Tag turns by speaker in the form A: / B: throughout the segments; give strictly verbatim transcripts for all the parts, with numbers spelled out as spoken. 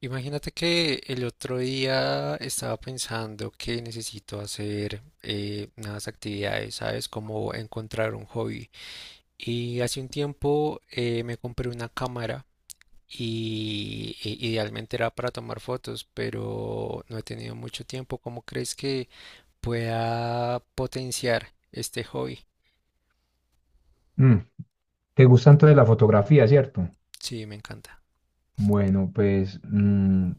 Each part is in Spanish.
A: Imagínate que el otro día estaba pensando que necesito hacer eh, unas actividades, ¿sabes? Como encontrar un hobby. Y hace un tiempo eh, me compré una cámara y e- idealmente era para tomar fotos, pero no he tenido mucho tiempo. ¿Cómo crees que pueda potenciar este hobby?
B: Mm, ¿te gusta entonces la fotografía, cierto?
A: Sí, me encanta.
B: Bueno, pues mm,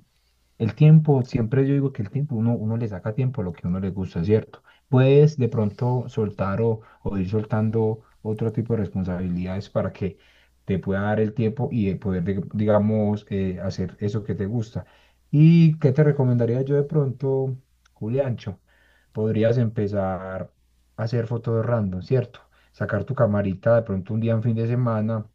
B: el tiempo, siempre yo digo que el tiempo, uno, uno le saca tiempo a lo que a uno le gusta, ¿cierto? Puedes de pronto soltar o, o ir soltando otro tipo de responsabilidades para que te pueda dar el tiempo y de poder, dig- digamos, eh, hacer eso que te gusta. ¿Y qué te recomendaría yo de pronto, Juliancho? Podrías empezar a hacer fotos random, ¿cierto? Sacar tu camarita de pronto un día en fin de semana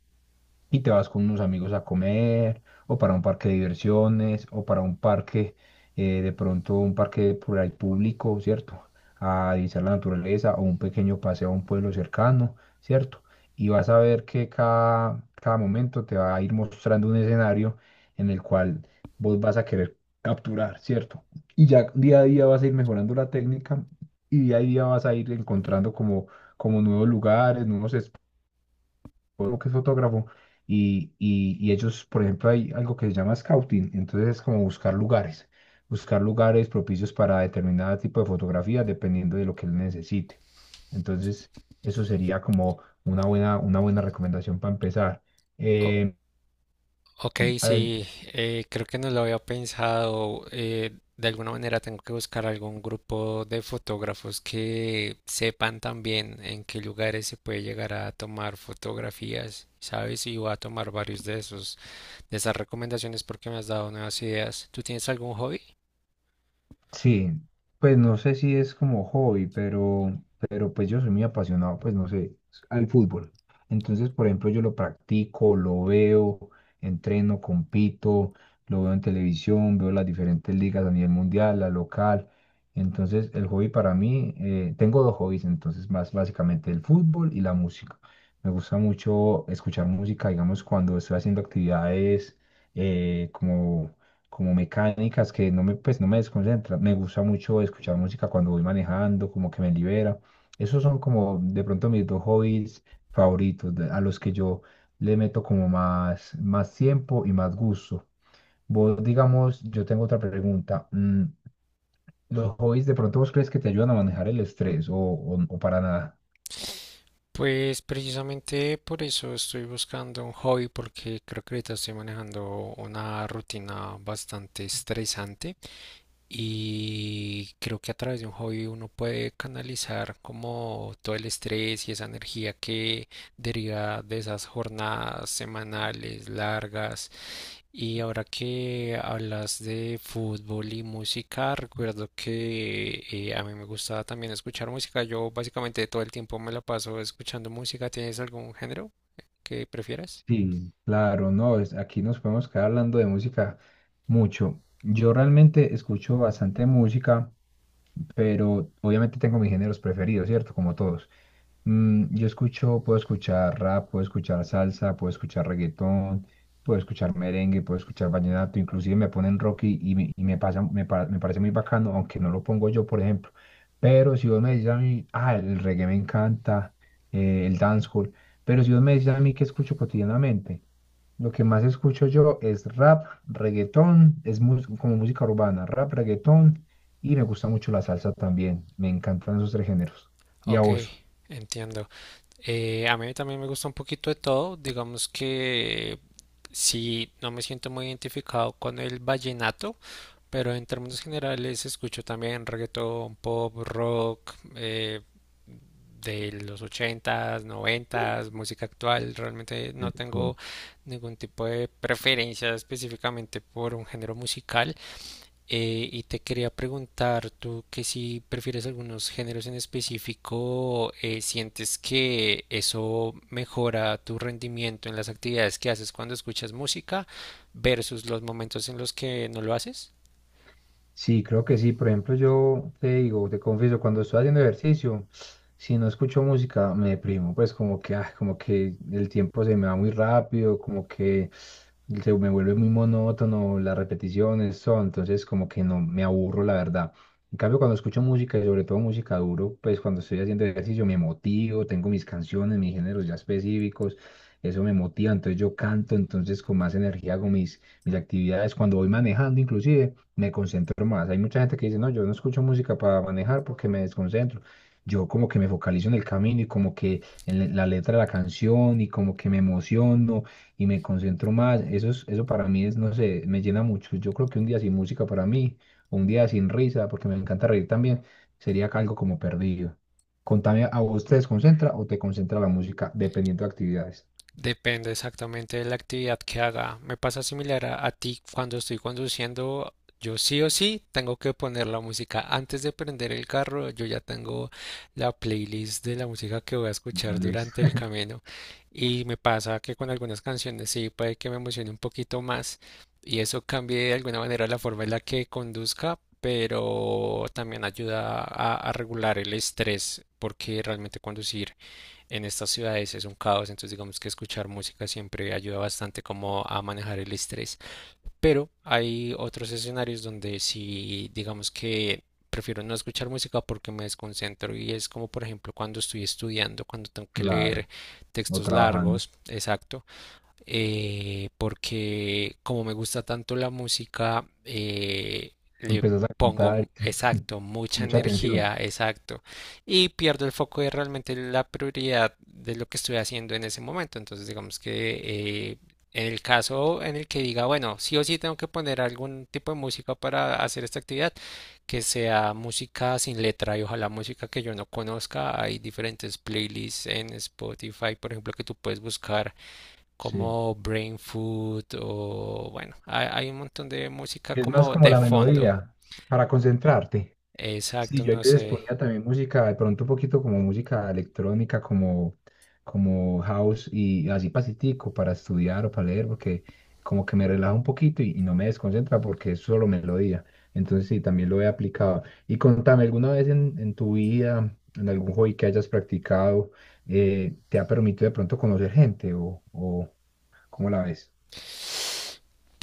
B: y te vas con unos amigos a comer o para un parque de diversiones o para un parque, eh, de pronto un parque por ahí público, ¿cierto? A divisar la naturaleza o un pequeño paseo a un pueblo cercano, ¿cierto? Y vas a ver que cada, cada momento te va a ir mostrando un escenario en el cual vos vas a querer capturar, ¿cierto? Y ya día a día vas a ir mejorando la técnica y día a día vas a ir encontrando como, como nuevos lugares, nuevos o que es fotógrafo, y, y, y ellos, por ejemplo, hay algo que se llama scouting, entonces es como buscar lugares, buscar lugares propicios para determinado tipo de fotografía, dependiendo de lo que él necesite. Entonces, eso sería como una buena, una buena recomendación para empezar. Eh,
A: Ok,
B: eh,
A: sí, eh, creo que no lo había pensado. Eh, de alguna manera tengo que buscar algún grupo de fotógrafos que sepan también en qué lugares se puede llegar a tomar fotografías, ¿sabes? Y voy a tomar varios de esos, de esas recomendaciones porque me has dado nuevas ideas. ¿Tú tienes algún hobby?
B: Sí, pues no sé si es como hobby, pero, pero pues yo soy muy apasionado, pues no sé, al fútbol. Entonces, por ejemplo, yo lo practico, lo veo, entreno, compito, lo veo en televisión, veo las diferentes ligas a nivel mundial, la local. Entonces, el hobby para mí, eh, tengo dos hobbies, entonces más básicamente el fútbol y la música. Me gusta mucho escuchar música, digamos, cuando estoy haciendo actividades eh, como como mecánicas que no me, pues, no me desconcentran. Me gusta mucho escuchar música cuando voy manejando, como que me libera. Esos son como de pronto mis dos hobbies favoritos, de- a los que yo le meto como más, más tiempo y más gusto. Vos, digamos, yo tengo otra pregunta. mm, ¿Los hobbies de pronto vos crees que te ayudan a manejar el estrés o, o, o para nada?
A: Pues precisamente por eso estoy buscando un hobby porque creo que ahorita estoy manejando una rutina bastante estresante. Y creo que a través de un hobby uno puede canalizar como todo el estrés y esa energía que deriva de esas jornadas semanales largas. Y ahora que hablas de fútbol y música, recuerdo que eh, a mí me gusta también escuchar música. Yo básicamente todo el tiempo me la paso escuchando música. ¿Tienes algún género que prefieras?
B: Sí, claro, no, es, aquí nos podemos quedar hablando de música mucho. Yo realmente escucho bastante música pero obviamente tengo mis géneros preferidos, ¿cierto? Como todos. Mm, yo escucho, puedo escuchar rap, puedo escuchar salsa, puedo escuchar reggaetón, puedo escuchar merengue, puedo escuchar vallenato, inclusive me ponen rock y, y me, y me pasa, me, pa- me parece muy bacano, aunque no lo pongo yo, por ejemplo. Pero si vos me dices a mí, ah, el reggae me encanta, eh, el dancehall, pero si vos me dices a mí que escucho cotidianamente, lo que más escucho yo es rap, reggaetón, es mus- como música urbana, rap, reggaetón y me gusta mucho la salsa también. Me encantan esos tres géneros. ¿Y a
A: Ok,
B: vos?
A: entiendo. Eh, a mí también me gusta un poquito de todo. Digamos que sí, no me siento muy identificado con el vallenato, pero en términos generales escucho también reggaetón, pop, rock, eh, de los ochentas, noventas, música actual. Realmente no tengo ningún tipo de preferencia específicamente por un género musical. Eh, y te quería preguntar, tú que si prefieres algunos géneros en específico, eh, ¿sientes que eso mejora tu rendimiento en las actividades que haces cuando escuchas música versus los momentos en los que no lo haces?
B: Sí, creo que sí. Por ejemplo, yo te digo, te confieso, cuando estoy haciendo ejercicio, si no escucho música, me deprimo. Pues como que, ah, como que el tiempo se me va muy rápido, como que se me vuelve muy monótono, las repeticiones son, entonces como que no me aburro, la verdad. En cambio, cuando escucho música y sobre todo música duro, pues cuando estoy haciendo ejercicio me motivo, tengo mis canciones, mis géneros ya específicos, eso me motiva, entonces yo canto, entonces con más energía hago mis, mis actividades, cuando voy manejando inclusive me concentro más. Hay mucha gente que dice, no, yo no escucho música para manejar porque me desconcentro. Yo como que me focalizo en el camino y como que en le- la letra de la canción y como que me emociono y me concentro más. Eso es, eso para mí es, no sé, me llena mucho. Yo creo que un día sin música para mí, o un día sin risa, porque me encanta reír también, sería algo como perdido. Contame, ¿a vos te desconcentra o te concentra la música dependiendo de actividades?
A: Depende exactamente de la actividad que haga. Me pasa similar a, a ti cuando estoy conduciendo. Yo sí o sí tengo que poner la música. Antes de prender el carro, yo ya tengo la playlist de la música que voy a escuchar
B: Dale.
A: durante el camino. Y me pasa que con algunas canciones sí puede que me emocione un poquito más y eso cambie de alguna manera la forma en la que conduzca, pero también ayuda a, a regular el estrés porque realmente conducir en estas ciudades es un caos, entonces digamos que escuchar música siempre ayuda bastante como a manejar el estrés. Pero hay otros escenarios donde si digamos que prefiero no escuchar música porque me desconcentro y es como por ejemplo cuando estoy estudiando, cuando tengo que leer
B: Claro, o
A: textos
B: trabajando.
A: largos, exacto, eh, porque como me gusta tanto la música, eh, le
B: Empezás a
A: pongo,
B: cantar,
A: m- exacto, mucha
B: mucha atención.
A: energía, exacto, y pierdo el foco de realmente la prioridad de lo que estoy haciendo en ese momento. Entonces, digamos que eh, en el caso en el que diga, bueno, sí o sí tengo que poner algún tipo de música para hacer esta actividad, que sea música sin letra y ojalá música que yo no conozca. Hay diferentes playlists en Spotify, por ejemplo, que tú puedes buscar
B: Sí.
A: como Brain Food o bueno, hay, hay un montón de música
B: Es más
A: como
B: como
A: de
B: la
A: fondo.
B: melodía para concentrarte. Sí,
A: Exacto,
B: yo a
A: no
B: veces
A: sé.
B: ponía también música, de pronto un poquito como música electrónica, como, como house y así pasitico para estudiar o para leer, porque como que me relaja un poquito y, y no me desconcentra porque es solo melodía. Entonces sí, también lo he aplicado. Y contame, ¿alguna vez en, en tu vida, en algún hobby que hayas practicado, eh, te ha permitido de pronto conocer gente o, o cómo la ves?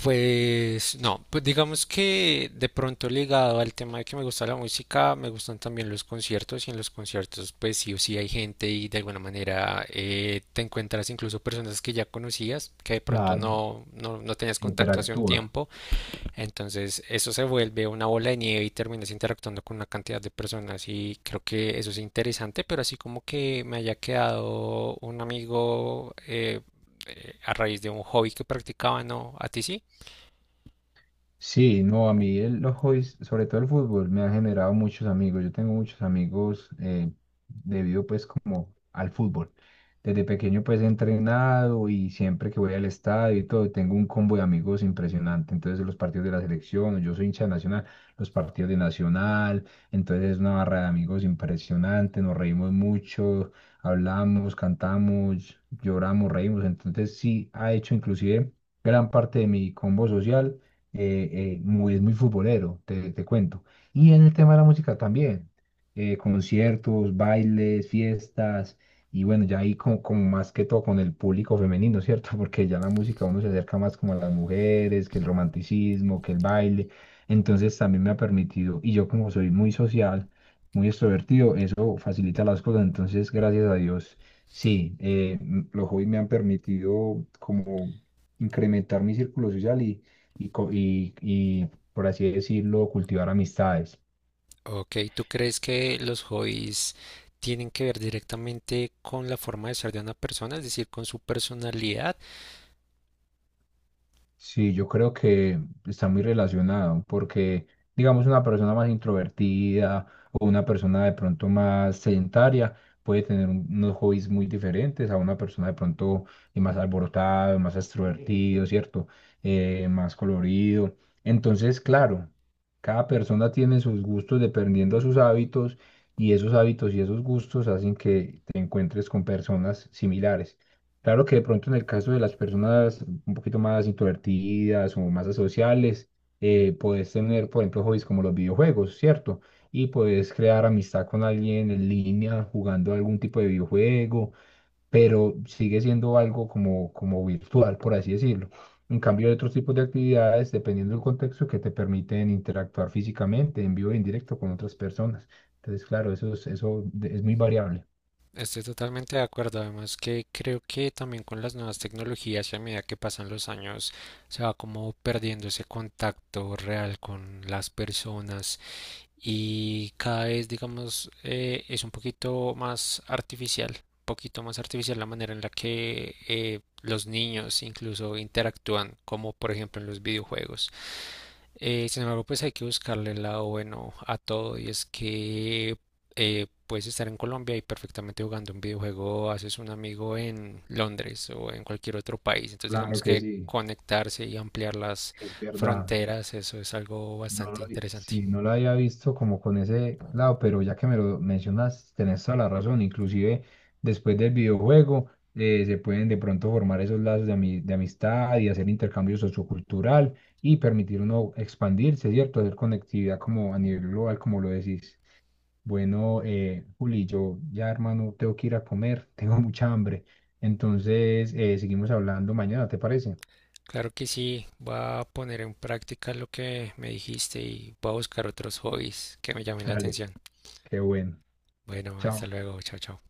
A: Pues no, pues digamos que de pronto ligado al tema de que me gusta la música, me gustan también los conciertos y en los conciertos pues sí o sí hay gente y de alguna manera eh, te encuentras incluso personas que ya conocías, que de pronto
B: Claro.
A: no, no, no tenías contacto hace un
B: Interactúa.
A: tiempo. Entonces, eso se vuelve una bola de nieve y terminas interactuando con una cantidad de personas y creo que eso es interesante, pero así como que me haya quedado un amigo eh, eh, a raíz de un hobby que practicaba, ¿no? ¿A ti sí?
B: Sí, no, a mí el, los hobbies, sobre todo el fútbol, me ha generado muchos amigos. Yo tengo muchos amigos eh, debido pues como al fútbol. Desde pequeño pues he entrenado y siempre que voy al estadio y todo, tengo un combo de amigos impresionante. Entonces los partidos de la selección, yo soy hincha de nacional, los partidos de nacional, entonces es una barra de amigos impresionante, nos reímos mucho, hablamos, cantamos, lloramos, reímos. Entonces sí ha hecho inclusive gran parte de mi combo social eh, eh, muy, es muy futbolero, te, te cuento. Y en el tema de la música también, eh, conciertos, bailes, fiestas, y bueno, ya ahí como, como más que todo con el público femenino, ¿cierto? Porque ya la música uno se acerca más como a las mujeres, que el romanticismo, que el baile. Entonces también me ha permitido, y yo como soy muy social, muy extrovertido, eso facilita las cosas. Entonces, gracias a Dios, sí, eh, m- los hobbies me han permitido como incrementar mi círculo social y y, co- y, y, por así decirlo, cultivar amistades.
A: Ok, ¿tú crees que los hobbies tienen que ver directamente con la forma de ser de una persona, es decir, con su personalidad?
B: Sí, yo creo que está muy relacionado porque, digamos, una persona más introvertida o una persona de pronto más sedentaria puede tener un- unos hobbies muy diferentes a una persona de pronto eh, más alborotada, más extrovertido, ¿cierto? Eh, más colorido. Entonces, claro, cada persona tiene sus gustos dependiendo de sus hábitos y esos hábitos y esos gustos hacen que te encuentres con personas similares. Claro que de pronto en el caso de las personas un poquito más introvertidas o más asociales, eh, puedes tener, por ejemplo, hobbies como los videojuegos, ¿cierto? Y puedes crear amistad con alguien en línea jugando algún tipo de videojuego, pero sigue siendo algo como, como virtual, por así decirlo. En cambio, hay otros tipos de actividades, dependiendo del contexto, que te permiten interactuar físicamente, en vivo y en directo con otras personas. Entonces, claro, eso es, eso de- es muy variable.
A: Estoy totalmente de acuerdo, además que creo que también con las nuevas tecnologías y a medida que pasan los años se va como perdiendo ese contacto real con las personas y cada vez, digamos, eh, es un poquito más artificial, un poquito más artificial la manera en la que eh, los niños incluso interactúan, como por ejemplo en los videojuegos. Eh, sin embargo, pues hay que buscarle el lado bueno a todo y es que eh, puedes estar en Colombia y perfectamente jugando un videojuego, haces un amigo en Londres o en cualquier otro país. Entonces,
B: Claro
A: digamos
B: que
A: que
B: sí,
A: conectarse y ampliar las
B: es verdad.
A: fronteras, eso es algo
B: No
A: bastante
B: lo, vi-
A: interesante.
B: sí, no lo había visto como con ese lado, pero ya que me lo mencionas, tenés toda la razón. Inclusive después del videojuego eh, se pueden de pronto formar esos lazos de, ami- de amistad y hacer intercambio sociocultural y permitir uno expandirse, ¿cierto? Hacer conectividad como a nivel global, como lo decís. Bueno, eh, Juli, yo ya hermano tengo que ir a comer, tengo mucha hambre. Entonces, eh, seguimos hablando mañana, ¿te parece?
A: Claro que sí, voy a poner en práctica lo que me dijiste y voy a buscar otros hobbies que me llamen la
B: Dale,
A: atención.
B: qué bueno.
A: Bueno, hasta
B: Chao.
A: luego, chao, chao.